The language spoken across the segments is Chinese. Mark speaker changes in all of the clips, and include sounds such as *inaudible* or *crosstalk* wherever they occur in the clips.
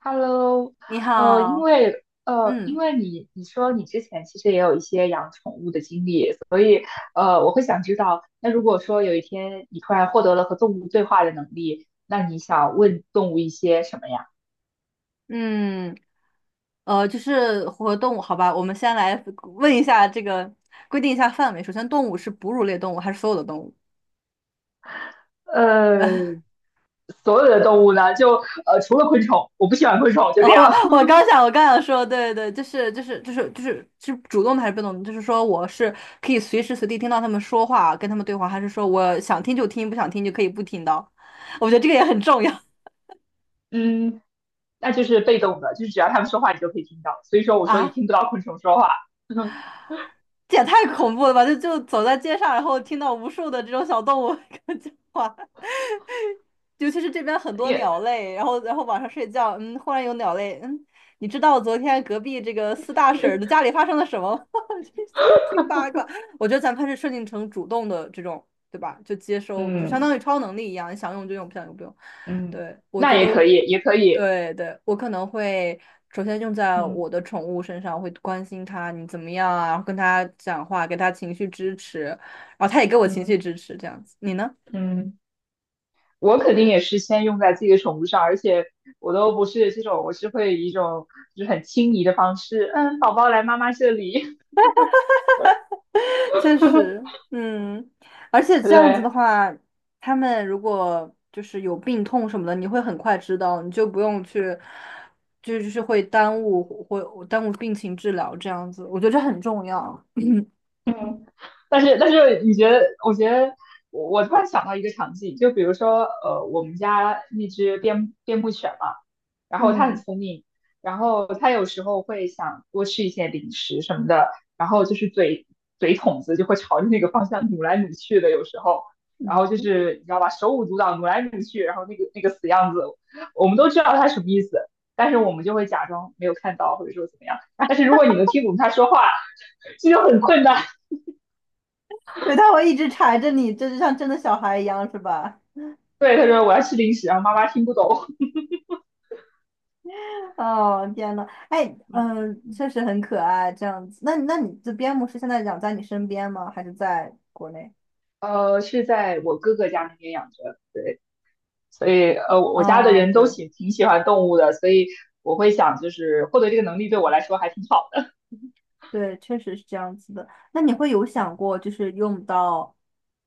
Speaker 1: Hello,
Speaker 2: 你
Speaker 1: 因
Speaker 2: 好，
Speaker 1: 为因
Speaker 2: 嗯
Speaker 1: 为你说你之前其实也有一些养宠物的经历，所以我会想知道，那如果说有一天你突然获得了和动物对话的能力，那你想问动物一些什么呀？
Speaker 2: 嗯，就是和动物，好吧，我们先来问一下这个，规定一下范围。首先，动物是哺乳类动物还是所有的动物？呃，
Speaker 1: 呃，所有的动物呢，就除了昆虫，我不喜欢昆虫，
Speaker 2: *laughs*
Speaker 1: 就
Speaker 2: 哦，
Speaker 1: 这样。
Speaker 2: 我刚想，我刚想说，对对，就是是主动的还是被动的？就是说，我是可以随时随地听到他们说话，跟他们对话，还是说我想听就听，不想听就可以不听到？*laughs* 我觉得这个也很重要。
Speaker 1: *laughs* 嗯，那就是被动的，就是只要它们说话，你就可以听到。所以说，我说你
Speaker 2: 啊，
Speaker 1: 听不到昆虫说话，*laughs*
Speaker 2: 这也太恐怖了吧！就走在街上，然后听到无数的这种小动物 *laughs* 跟我讲话。尤其是这边很多
Speaker 1: 也
Speaker 2: 鸟类，然后晚上睡觉，忽然有鸟类，你知道昨天隔壁这个四大婶儿的家里发生了什么吗？*laughs* 这听八卦，我觉得咱们还是设定成主动的这种，对吧？就接收，就相当
Speaker 1: 嗯
Speaker 2: 于超能力一样，你想用就用，不想用不用。
Speaker 1: 嗯，
Speaker 2: 对，我
Speaker 1: 那
Speaker 2: 觉
Speaker 1: 也
Speaker 2: 得我
Speaker 1: 可以，也可以，
Speaker 2: 对，我可能会首先用在
Speaker 1: 嗯。
Speaker 2: 我的宠物身上，会关心它你怎么样啊，跟它讲话，给它情绪支持，然后它也给我情绪
Speaker 1: 嗯
Speaker 2: 支持，这样子。你呢？
Speaker 1: 嗯，我肯定也是先用在自己的宠物上，而且我都不是这种，我是会以一种就是很轻昵的方式，嗯，宝宝来妈妈这里，
Speaker 2: 确实，嗯，而且
Speaker 1: *laughs*
Speaker 2: 这样子的
Speaker 1: 对，
Speaker 2: 话，他们如果就是有病痛什么的，你会很快知道，你就不用去，就就是会耽误病情治疗这样子，我觉得这很重要。
Speaker 1: 嗯，但是，你觉得？我觉得我突然想到一个场景，就比如说，我们家那只边牧犬嘛，然后它很
Speaker 2: 嗯，
Speaker 1: 聪明，然后它有时候会想多吃一些零食什么的，然后就是嘴筒子就会朝着那个方向努来努去的，有时候，然后就是你知道吧，手舞足蹈努来努去，然后那个死样子，我们都知道它什么意思，但是我们就会假装没有看到，或者说怎么样。但是如果你能听懂它说话，这就很困难。
Speaker 2: 对，他会一直缠着你，这就像真的小孩一样，是吧？
Speaker 1: 对，他说我要吃零食，然后妈妈听不懂。
Speaker 2: 哦，天呐，哎，嗯，确实很可爱，这样子。那那你这边牧师现在养在你身边吗？还是在国内？
Speaker 1: 是在我哥哥家那边养着，对，所以我家的
Speaker 2: 啊，
Speaker 1: 人都
Speaker 2: 对。
Speaker 1: 挺喜欢动物的，所以我会想，就是获得这个能力对我来说还挺好。
Speaker 2: 对，确实是这样子的。那你会有想过，就是用到，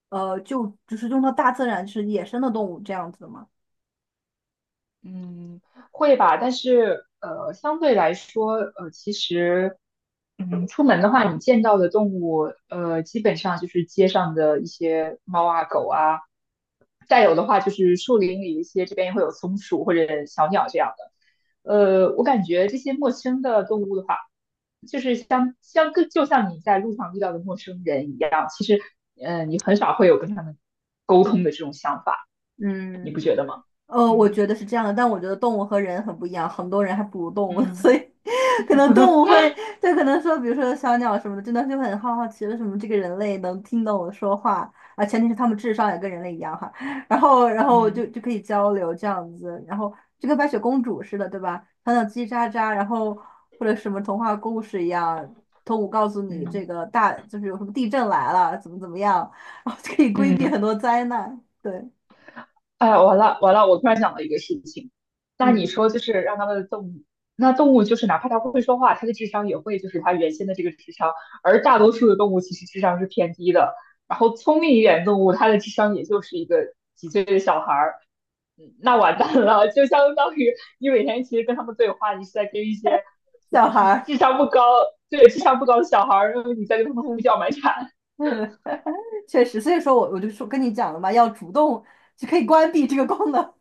Speaker 2: 用到大自然，就是野生的动物这样子的吗？
Speaker 1: 嗯，会吧，但是相对来说，其实，嗯，出门的话，你见到的动物，基本上就是街上的一些猫啊、狗啊，再有的话就是树林里一些，这边也会有松鼠或者小鸟这样的。我感觉这些陌生的动物的话，就是像像跟就像你在路上遇到的陌生人一样，其实，你很少会有跟他们沟通的这种想法，你
Speaker 2: 嗯。
Speaker 1: 不觉得吗？
Speaker 2: 我
Speaker 1: 嗯
Speaker 2: 觉得是这样的，但我觉得动物和人很不一样，很多人还不如动物，所
Speaker 1: 嗯，
Speaker 2: 以 *laughs* 可能动物会，就可能说，比如说小鸟什么的，真的就很好奇为什么这个人类能听懂我说话啊，前提是他们智商也跟人类一样哈，*laughs* 然后然后
Speaker 1: 嗯
Speaker 2: 就就可以交流这样子，然后就跟白雪公主似的，对吧？讲讲叽叽喳喳，然后或者什么童话故事一样，动物告诉你
Speaker 1: 嗯
Speaker 2: 这个大就是有什么地震来了，怎么怎么样，*laughs* 然后就可以规避
Speaker 1: 嗯，
Speaker 2: 很多灾难，对，
Speaker 1: 哎呀，完了完了，我突然想到一个事情，那你
Speaker 2: 嗯，
Speaker 1: 说就是让他们的动物，那动物就是哪怕它会说话，它的智商也会就是它原先的这个智商，而大多数的动物其实智商是偏低的，然后聪明一点动物，它的智商也就是一个几岁的小孩儿，嗯那完蛋了，就相当于你每天其实跟他们对话，你是在跟一些就
Speaker 2: 小
Speaker 1: 是
Speaker 2: 孩
Speaker 1: 智
Speaker 2: 儿。
Speaker 1: 商不高，对，智商不高的小孩儿，然后你在跟他
Speaker 2: *laughs*
Speaker 1: 们胡
Speaker 2: 嗯
Speaker 1: 搅蛮缠，
Speaker 2: 嗯，*laughs* 确实，所以说我就说跟你讲了嘛，要主动就可以关闭这个功能。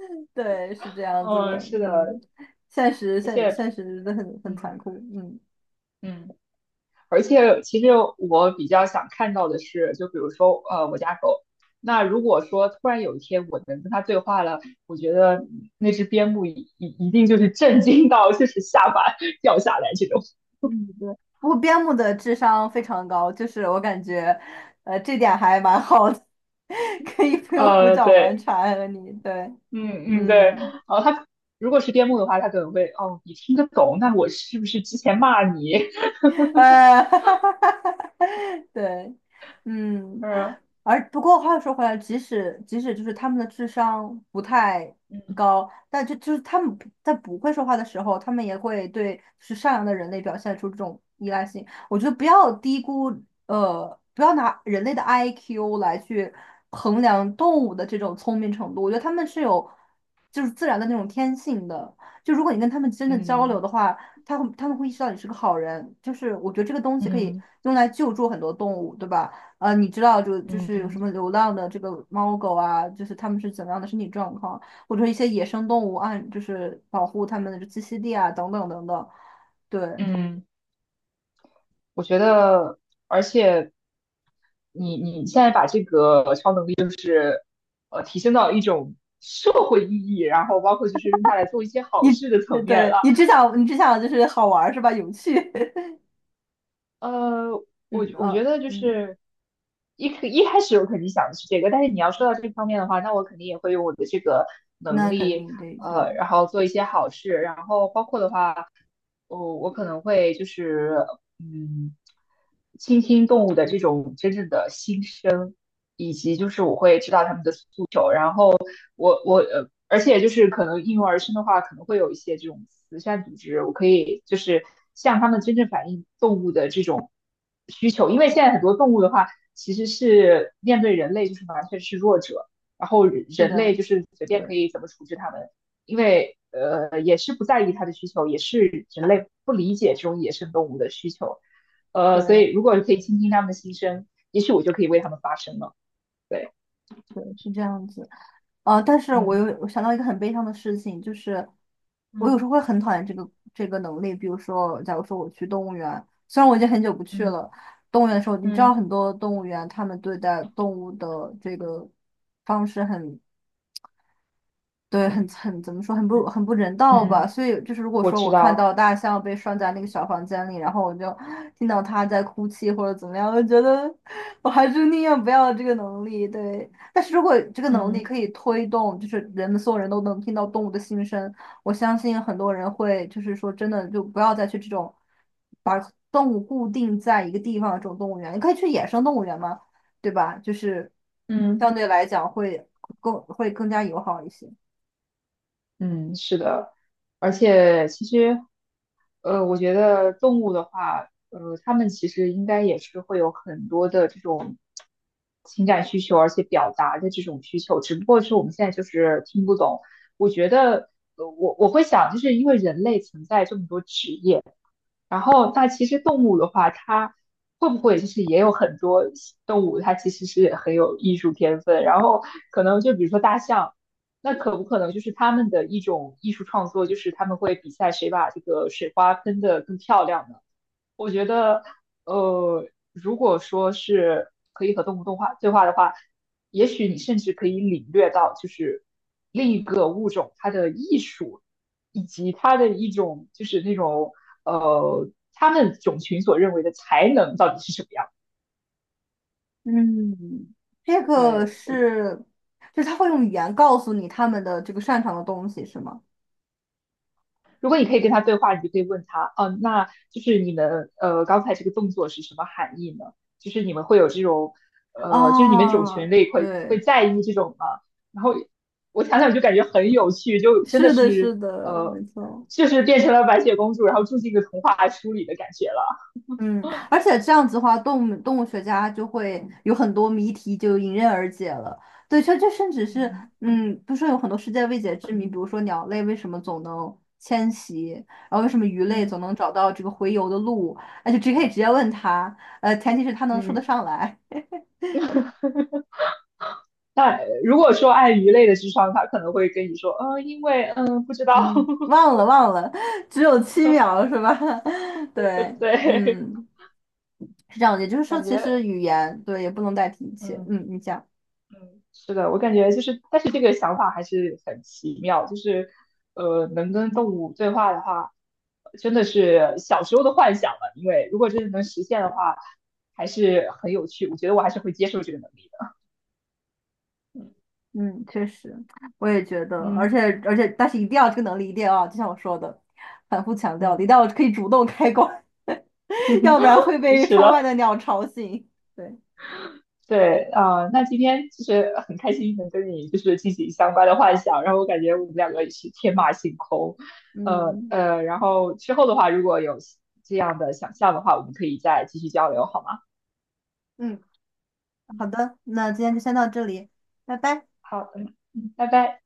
Speaker 2: *laughs* 对，是这
Speaker 1: *laughs*
Speaker 2: 样子
Speaker 1: 嗯，
Speaker 2: 的，
Speaker 1: 是
Speaker 2: 嗯，
Speaker 1: 的，
Speaker 2: 现实
Speaker 1: 而
Speaker 2: 现
Speaker 1: 且，
Speaker 2: 现实真的很残
Speaker 1: 嗯
Speaker 2: 酷，嗯
Speaker 1: 嗯。而且其实我比较想看到的是，就比如说呃我家狗，那如果说突然有一天我能跟它对话了，我觉得那只边牧一定就是震惊到就是下巴掉下来这种。
Speaker 2: 嗯，对。不过边牧的智商非常高，就是我感觉，呃，这点还蛮好的，*laughs* 可以不用胡搅蛮
Speaker 1: 对，
Speaker 2: 缠和你，对，
Speaker 1: 嗯嗯对，
Speaker 2: 嗯。
Speaker 1: 然后它如果是边牧的话，它可能会哦你听得懂，那我是不是之前骂你？*laughs*
Speaker 2: 呃，*laughs* 对，嗯，
Speaker 1: 嗯
Speaker 2: 而不过话又说回来，即使就是他们的智商不太高，但就是他们不会说话的时候，他们也会对是善良的人类表现出这种依赖性。我觉得不要低估，呃，不要拿人类的 IQ 来去衡量动物的这种聪明程度。我觉得他们是有就是自然的那种天性的。就如果你跟他们真的交流
Speaker 1: 嗯
Speaker 2: 的话。他们会意识到你是个好人，就是我觉得这个东西可以
Speaker 1: 嗯
Speaker 2: 用来救助很多动物，对吧？你知道就就
Speaker 1: 嗯
Speaker 2: 是有什
Speaker 1: 嗯
Speaker 2: 么流浪的这个猫狗啊，就是它们是怎么样的身体状况，或者一些野生动物按就是保护它们的栖息地啊，等等等等。对
Speaker 1: 嗯，我觉得，而且。你你现在把这个超能力。提升到一种社会意义，然后包括就是用它来做一些好
Speaker 2: 你，
Speaker 1: 事的层面了。
Speaker 2: 对你只想就是好玩儿是吧？有趣，
Speaker 1: 呃，
Speaker 2: *laughs*
Speaker 1: 我
Speaker 2: 嗯
Speaker 1: 我
Speaker 2: 啊
Speaker 1: 觉得就
Speaker 2: 嗯，
Speaker 1: 是一开始我肯定想的是这个，但是你要说到这方面的话，那我肯定也会用我的这个能
Speaker 2: 那肯
Speaker 1: 力，
Speaker 2: 定得对，
Speaker 1: 然后做一些好事，然后包括的话。哦，我可能会就是，嗯，倾听动物的这种真正的心声，以及就是我会知道它们的诉求，然后我而且就是可能应运而生的话，可能会有一些这种慈善组织，我可以就是向他们真正反映动物的这种需求，因为现在很多动物的话，其实是面对人类就是完全是弱者，然后
Speaker 2: 是
Speaker 1: 人类
Speaker 2: 的，
Speaker 1: 就是随便可
Speaker 2: 对
Speaker 1: 以怎么处置它们。因为也是不在意它的需求，也是人类不理解这种野生动物的需求，所
Speaker 2: 对
Speaker 1: 以如果可以倾听他们的心声，也许我就可以为他们发声了。对，
Speaker 2: 对，是这样子。呃，但是我又
Speaker 1: 嗯
Speaker 2: 我想到一个很悲伤的事情，就是我有时候
Speaker 1: 嗯
Speaker 2: 会很讨厌这个这个能力。比如说，假如说我去动物园，虽然我已经很久不去
Speaker 1: 嗯
Speaker 2: 了，动物园的时候，你知道
Speaker 1: 嗯
Speaker 2: 很多动物园他们对待动物的这个方式很对，很怎么说，
Speaker 1: 嗯
Speaker 2: 很不人道吧？
Speaker 1: 嗯，
Speaker 2: 所以就是，如果
Speaker 1: 我
Speaker 2: 说
Speaker 1: 知
Speaker 2: 我看
Speaker 1: 道，
Speaker 2: 到大象被拴在那个小房间里，然后我就听到它在哭泣或者怎么样，我觉得我还是宁愿不要这个能力。对，但是如果这个能力
Speaker 1: 嗯
Speaker 2: 可以推动，就是人们所有人都能听到动物的心声，我相信很多人会就是说真的就不要再去这种把动物固定在一个地方的这种动物园，你可以去野生动物园嘛，对吧？就是相
Speaker 1: 嗯
Speaker 2: 对来讲会更加友好一些。
Speaker 1: 嗯，是的，而且其实我觉得动物的话，它们其实应该也是会有很多的这种情感需求，而且表达的这种需求，只不过是我们现在就是听不懂。我觉得，我会想，就是因为人类存在这么多职业。然后，那其实动物的话，它会不会就是也有很多动物，它其实是很有艺术天分。然后，可能就比如说大象，那可不可能就是他们的一种艺术创作，就是他们会比赛谁把这个水花喷得更漂亮呢？我觉得，如果说是可以和动物动画对话的话，也许你甚至可以领略到，就是另一个物种它的艺术，以及它的一种就是那种他们种群所认为的才能到底是什么样。
Speaker 2: 嗯，这个
Speaker 1: 对，我。
Speaker 2: 是，就是他会用语言告诉你他们的这个擅长的东西，是吗？
Speaker 1: 如果你可以跟他对话，你就可以问他，嗯、那就是你们刚才这个动作是什么含义呢？就是你们会有这种就是你们种
Speaker 2: 啊，
Speaker 1: 群类会
Speaker 2: 对，
Speaker 1: 在意这种吗？然后我想想就感觉很有趣，就真的
Speaker 2: 是的，是
Speaker 1: 是
Speaker 2: 的，没
Speaker 1: 呃，
Speaker 2: 错。
Speaker 1: 就是变成了白雪公主，然后住进一个童话书里的感觉了。
Speaker 2: 嗯，而且这样子的话，动物动物学家就会有很多谜题就迎刃而解了。对，这这甚至是，
Speaker 1: 嗯
Speaker 2: 嗯，不是说有很多世界未解之谜，比如说鸟类为什么总能迁徙，然后为什么鱼类总
Speaker 1: 嗯
Speaker 2: 能找到这个洄游的路，那就直接可以直接问他，呃，前提是他能说得
Speaker 1: 嗯，
Speaker 2: 上来。
Speaker 1: 那如果说按鱼类的智商，他可能会跟你说，嗯、因为嗯、不知道，
Speaker 2: 嗯，忘了忘了，只有七秒是吧？*laughs* 对，
Speaker 1: *laughs* 对，
Speaker 2: 嗯，是这样的。也就是说，
Speaker 1: 感
Speaker 2: 其实
Speaker 1: 觉
Speaker 2: 语言对也不能代替一切。
Speaker 1: 嗯
Speaker 2: 嗯，你讲，
Speaker 1: 嗯，是的，我感觉就是，但是这个想法还是很奇妙，就是，能跟动物对话的话，真的是小时候的幻想了。因为如果真的能实现的话，还是很有趣。我觉得我还是会接受这个能力的。
Speaker 2: 嗯，确实，我也觉得，而
Speaker 1: 嗯
Speaker 2: 且而且，但是一定要这个能力一定要，就像我说的，反复强调的，一
Speaker 1: 嗯，
Speaker 2: 定要可以主动开关，*laughs* 要不然会
Speaker 1: *laughs*
Speaker 2: 被
Speaker 1: 是
Speaker 2: 窗外
Speaker 1: 的。
Speaker 2: 的鸟吵醒。对，
Speaker 1: 对，啊，那今天就是很开心能跟你就是进行相关的幻想，然后我感觉我们两个也是天马行空，
Speaker 2: 嗯
Speaker 1: 然后之后的话如果有这样的想象的话，我们可以再继续交流，好吗？
Speaker 2: 嗯，好的，那今天就先到这里，拜拜。
Speaker 1: 好，嗯，嗯拜拜。